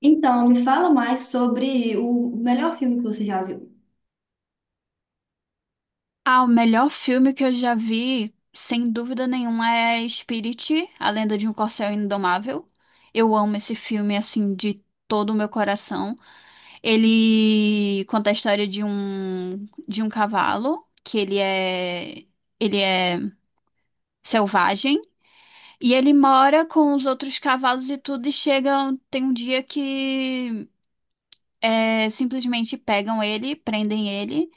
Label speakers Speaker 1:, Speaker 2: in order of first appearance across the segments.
Speaker 1: Então, me fala mais sobre o melhor filme que você já viu.
Speaker 2: Ah, o melhor filme que eu já vi, sem dúvida nenhuma, é Spirit, A Lenda de um Corcel Indomável. Eu amo esse filme, assim, de todo o meu coração. Ele conta a história de um cavalo, que ele é selvagem, e ele mora com os outros cavalos e tudo, e chega, tem um dia que simplesmente pegam ele, prendem ele,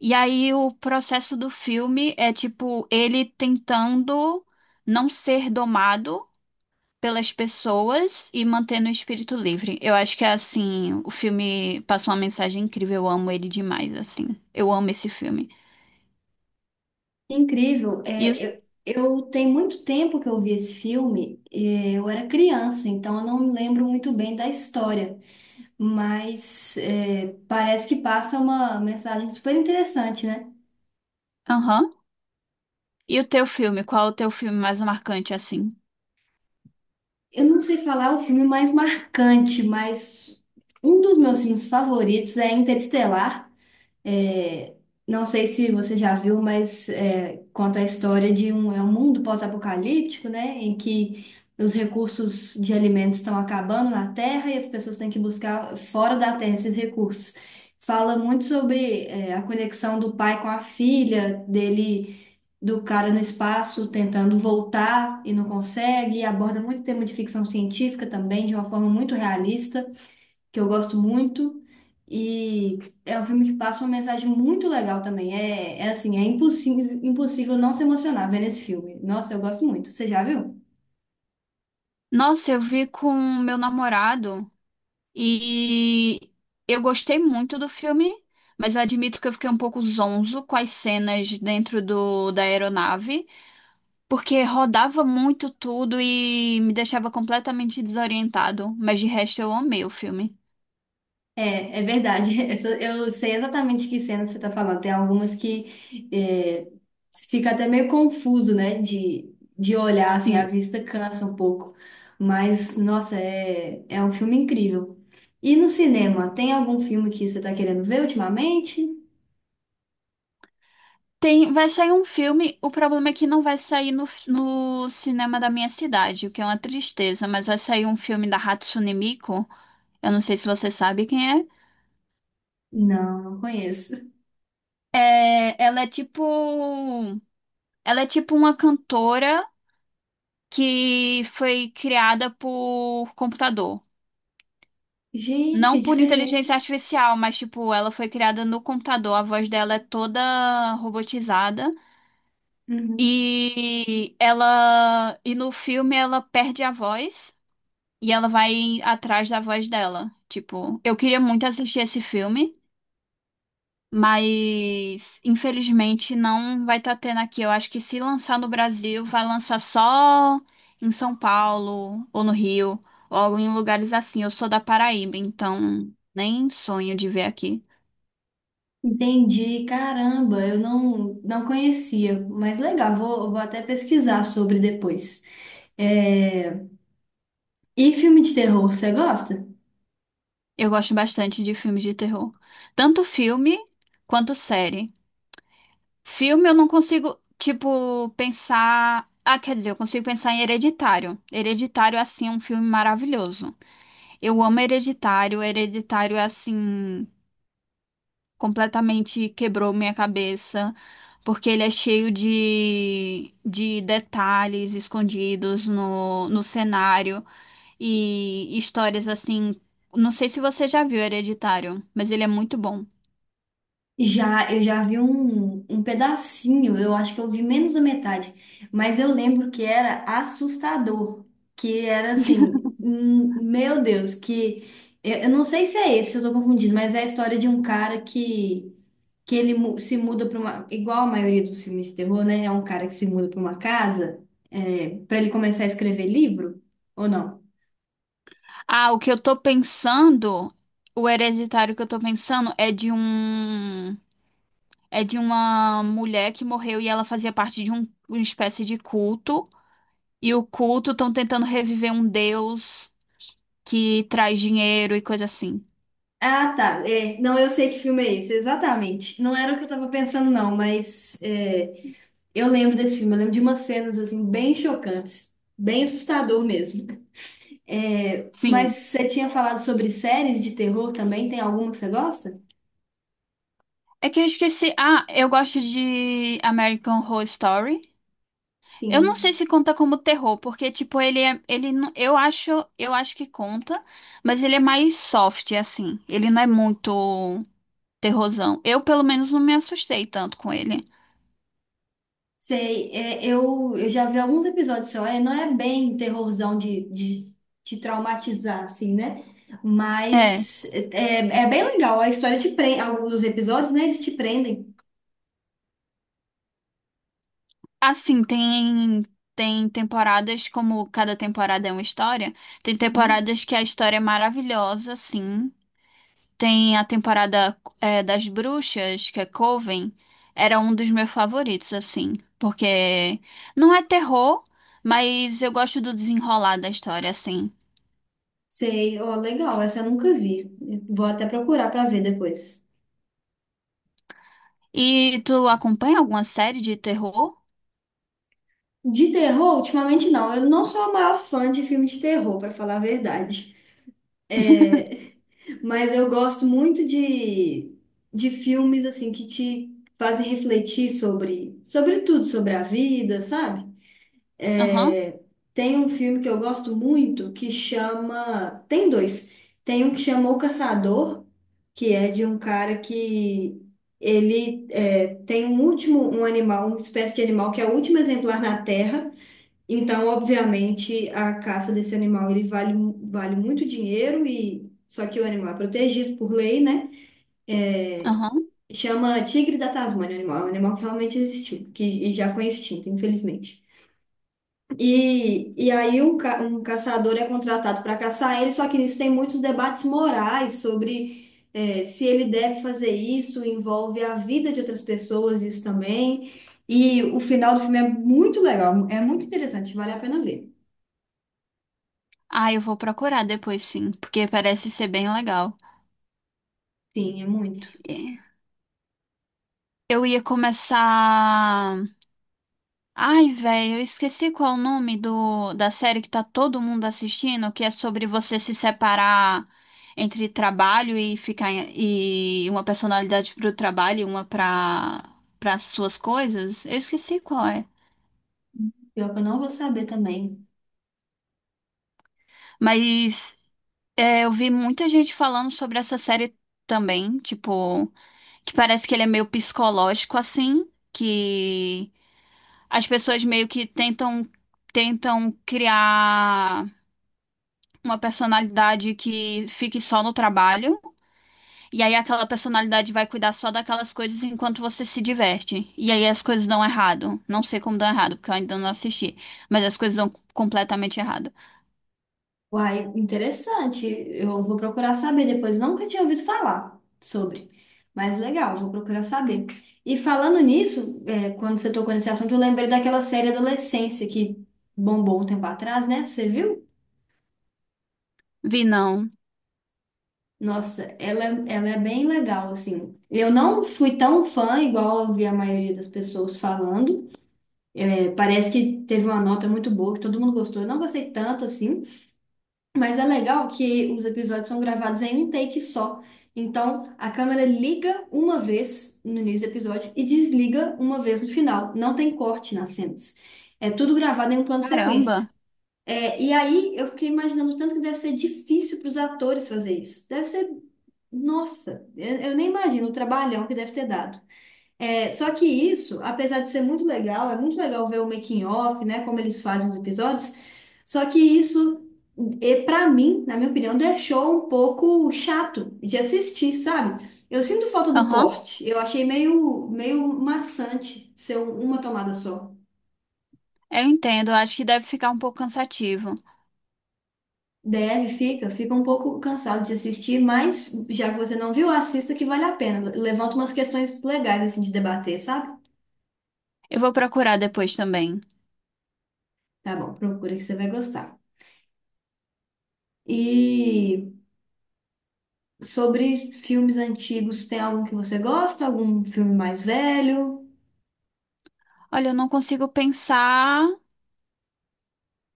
Speaker 2: e aí o processo do filme é tipo ele tentando não ser domado pelas pessoas e mantendo o espírito livre. Eu acho que é assim, o filme passa uma mensagem incrível, eu amo ele demais assim. Eu amo esse filme.
Speaker 1: Incrível,
Speaker 2: E o,
Speaker 1: eu tenho muito tempo que eu vi esse filme, eu era criança, então eu não me lembro muito bem da história, mas parece que passa uma mensagem super interessante, né?
Speaker 2: aham. E o teu filme, qual é o teu filme mais marcante assim?
Speaker 1: Eu não sei falar o filme mais marcante, mas um dos meus filmes favoritos é Interestelar. É, não sei se você já viu, mas conta a história de um, é um mundo pós-apocalíptico, né? Em que os recursos de alimentos estão acabando na Terra e as pessoas têm que buscar fora da Terra esses recursos. Fala muito sobre a conexão do pai com a filha, dele, do cara no espaço tentando voltar e não consegue. E aborda muito tema de ficção científica também, de uma forma muito realista que eu gosto muito. E é um filme que passa uma mensagem muito legal também. É, é assim, é impossível, impossível não se emocionar vendo esse filme. Nossa, eu gosto muito. Você já viu?
Speaker 2: Nossa, eu vi com meu namorado. E eu gostei muito do filme, mas eu admito que eu fiquei um pouco zonzo com as cenas da aeronave, porque rodava muito tudo e me deixava completamente desorientado. Mas de resto, eu amei o filme.
Speaker 1: É, é verdade. Eu sei exatamente que cena você está falando. Tem algumas que é, fica até meio confuso, né? De olhar, assim, a
Speaker 2: Sim.
Speaker 1: vista cansa um pouco. Mas, nossa, é um filme incrível. E no cinema, tem algum filme que você está querendo ver ultimamente?
Speaker 2: Tem, vai sair um filme, o problema é que não vai sair no cinema da minha cidade, o que é uma tristeza, mas vai sair um filme da Hatsune Miku, eu não sei se você sabe quem é.
Speaker 1: Não, não conheço.
Speaker 2: É, ela é tipo uma cantora que foi criada por computador.
Speaker 1: Gente,
Speaker 2: Não
Speaker 1: que
Speaker 2: por inteligência
Speaker 1: diferente.
Speaker 2: artificial, mas tipo, ela foi criada no computador. A voz dela é toda robotizada
Speaker 1: Uhum.
Speaker 2: e ela e no filme ela perde a voz e ela vai atrás da voz dela. Tipo, eu queria muito assistir esse filme. Mas, infelizmente, não vai estar tendo aqui. Eu acho que se lançar no Brasil, vai lançar só em São Paulo ou no Rio, ou em lugares assim. Eu sou da Paraíba, então nem sonho de ver aqui.
Speaker 1: Entendi, caramba, eu não, não conhecia, mas legal, vou até pesquisar sobre depois. É, e filme de terror, você gosta?
Speaker 2: Eu gosto bastante de filmes de terror, tanto filme quanto série. Filme eu não consigo, tipo, pensar. Ah, quer dizer, eu consigo pensar em Hereditário. Hereditário, assim, é um filme maravilhoso. Eu amo Hereditário. Hereditário é assim, completamente quebrou minha cabeça, porque ele é cheio de detalhes escondidos no cenário e histórias assim. Não sei se você já viu Hereditário, mas ele é muito bom.
Speaker 1: Já, eu já vi um pedacinho, eu acho que eu vi menos da metade, mas eu lembro que era assustador, que era assim, meu Deus, que eu não sei se é esse, eu tô confundindo, mas é a história de um cara que se muda para uma, igual a maioria dos filmes de terror, né? É um cara que se muda para uma casa, para ele começar a escrever livro, ou não?
Speaker 2: Ah, o que eu tô pensando, o Hereditário que eu tô pensando é de um. É de uma mulher que morreu e ela fazia parte uma espécie de culto. E o culto estão tentando reviver um deus que traz dinheiro e coisa assim.
Speaker 1: Ah, tá. É, não, eu sei que filme é esse, exatamente. Não era o que eu tava pensando, não, mas é, eu lembro desse filme, eu lembro de umas cenas assim bem chocantes, bem assustador mesmo. É, mas
Speaker 2: Sim.
Speaker 1: você tinha falado sobre séries de terror também, tem alguma que você gosta?
Speaker 2: É que eu esqueci. Ah, eu gosto de American Horror Story. Eu não sei
Speaker 1: Sim.
Speaker 2: se conta como terror, porque tipo ele é, ele não- eu acho que conta, mas ele é mais soft assim. Ele não é muito terrorzão. Eu pelo menos não me assustei tanto com ele.
Speaker 1: Sei, eu já vi alguns episódios só, não é bem terrorzão de te traumatizar, assim, né?
Speaker 2: É,
Speaker 1: Mas é, é bem legal, a história te prende, alguns episódios, né, eles te prendem.
Speaker 2: assim, tem temporadas como cada temporada é uma história. Tem
Speaker 1: Uhum.
Speaker 2: temporadas que a história é maravilhosa, assim. Tem a temporada é, das bruxas, que é Coven, era um dos meus favoritos, assim, porque não é terror, mas eu gosto do desenrolar da história, assim.
Speaker 1: Sei, ó, legal, essa eu nunca vi, vou até procurar pra ver depois.
Speaker 2: E tu acompanha alguma série de terror?
Speaker 1: De terror, ultimamente não, eu não sou a maior fã de filme de terror, pra falar a verdade. Mas eu gosto muito de filmes assim que te fazem refletir sobre tudo, sobre a vida, sabe?
Speaker 2: Aham,
Speaker 1: É, tem um filme que eu gosto muito que chama. Tem dois. Tem um que chama O Caçador, que é de um cara que tem um último, um animal, uma espécie de animal que é o último exemplar na Terra. Então, obviamente, a caça desse animal ele vale, vale muito dinheiro e só que o animal é protegido por lei, né?
Speaker 2: aham.
Speaker 1: Chama tigre da Tasmânia, o animal, é um animal que realmente existiu, que já foi extinto, infelizmente. E aí um caçador é contratado para caçar ele, só que nisso tem muitos debates morais sobre se ele deve fazer isso, envolve a vida de outras pessoas, isso também. E o final do filme é muito legal, é muito interessante, vale a pena ver.
Speaker 2: Ah, eu vou procurar depois, sim, porque parece ser bem legal.
Speaker 1: Sim, é muito.
Speaker 2: É. Eu ia começar. Ai, velho, eu esqueci qual é o nome da série que tá todo mundo assistindo, que é sobre você se separar entre trabalho e uma personalidade pro trabalho e uma pra para suas coisas. Eu esqueci qual é.
Speaker 1: Pior que eu não vou saber também.
Speaker 2: Mas é, eu vi muita gente falando sobre essa série também, tipo, que parece que ele é meio psicológico assim, que as pessoas meio que tentam criar uma personalidade que fique só no trabalho, e aí aquela personalidade vai cuidar só daquelas coisas enquanto você se diverte. E aí as coisas dão errado. Não sei como dão errado, porque eu ainda não assisti, mas as coisas dão completamente errado.
Speaker 1: Uai, interessante. Eu vou procurar saber depois. Nunca tinha ouvido falar sobre. Mas legal, vou procurar saber. E falando nisso, quando você tocou nesse assunto, eu lembrei daquela série Adolescência que bombou um tempo atrás, né? Você viu?
Speaker 2: Vi não.
Speaker 1: Nossa, ela é bem legal, assim. Eu não fui tão fã, igual eu vi a maioria das pessoas falando. É, parece que teve uma nota muito boa, que todo mundo gostou. Eu não gostei tanto, assim. Mas é legal que os episódios são gravados em um take só. Então, a câmera liga uma vez no início do episódio e desliga uma vez no final. Não tem corte nas cenas. É tudo gravado em um plano
Speaker 2: Caramba.
Speaker 1: sequência. É, e aí, eu fiquei imaginando o tanto que deve ser difícil para os atores fazer isso. Deve ser. Nossa, eu nem imagino o trabalhão que deve ter dado. É, só que isso, apesar de ser muito legal, é muito legal ver o making of, né, como eles fazem os episódios. Só que isso, e para mim, na minha opinião, deixou um pouco chato de assistir, sabe? Eu sinto falta do
Speaker 2: Aham,
Speaker 1: corte. Eu achei meio maçante ser uma tomada só.
Speaker 2: eu entendo. Acho que deve ficar um pouco cansativo.
Speaker 1: Deve, fica um pouco cansado de assistir, mas já que você não viu, assista que vale a pena. Levanta umas questões legais assim de debater, sabe?
Speaker 2: Eu vou procurar depois também.
Speaker 1: Tá bom, procura que você vai gostar. E sobre filmes antigos, tem algum que você gosta? Algum filme mais velho?
Speaker 2: Olha, eu não consigo pensar.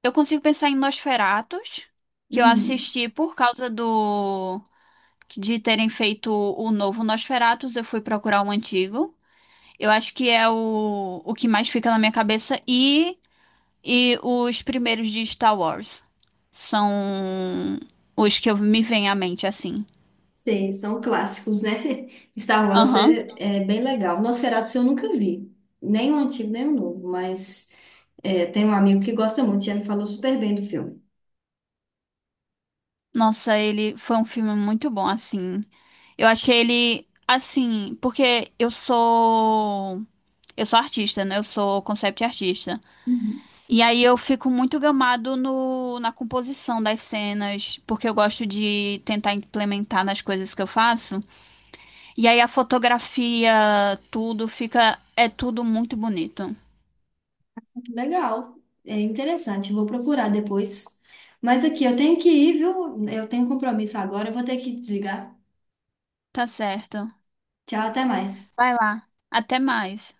Speaker 2: Eu consigo pensar em Nosferatus, que eu
Speaker 1: Uhum.
Speaker 2: assisti por causa do de terem feito o novo Nosferatus, eu fui procurar o antigo. Eu acho que é o que mais fica na minha cabeça. E os primeiros de Star Wars. São os que eu, me vem à mente, assim.
Speaker 1: Sei, são clássicos, né? Star Wars
Speaker 2: Aham.
Speaker 1: é, é bem legal. Nosferatu eu nunca vi. Nem o antigo, nem o novo. Mas é, tem um amigo que gosta muito, já me falou super bem do filme.
Speaker 2: Nossa, ele foi um filme muito bom, assim. Eu achei ele, assim, porque eu sou. Eu sou artista, né? Eu sou concept artista.
Speaker 1: Uhum.
Speaker 2: E aí eu fico muito gamado no, na composição das cenas, porque eu gosto de tentar implementar nas coisas que eu faço. E aí a fotografia, tudo fica, é tudo muito bonito.
Speaker 1: Legal. É interessante, vou procurar depois. Mas aqui, eu tenho que ir, viu? Eu tenho um compromisso agora, eu vou ter que desligar.
Speaker 2: Tá certo.
Speaker 1: Tchau, até mais.
Speaker 2: Vai lá. Até mais.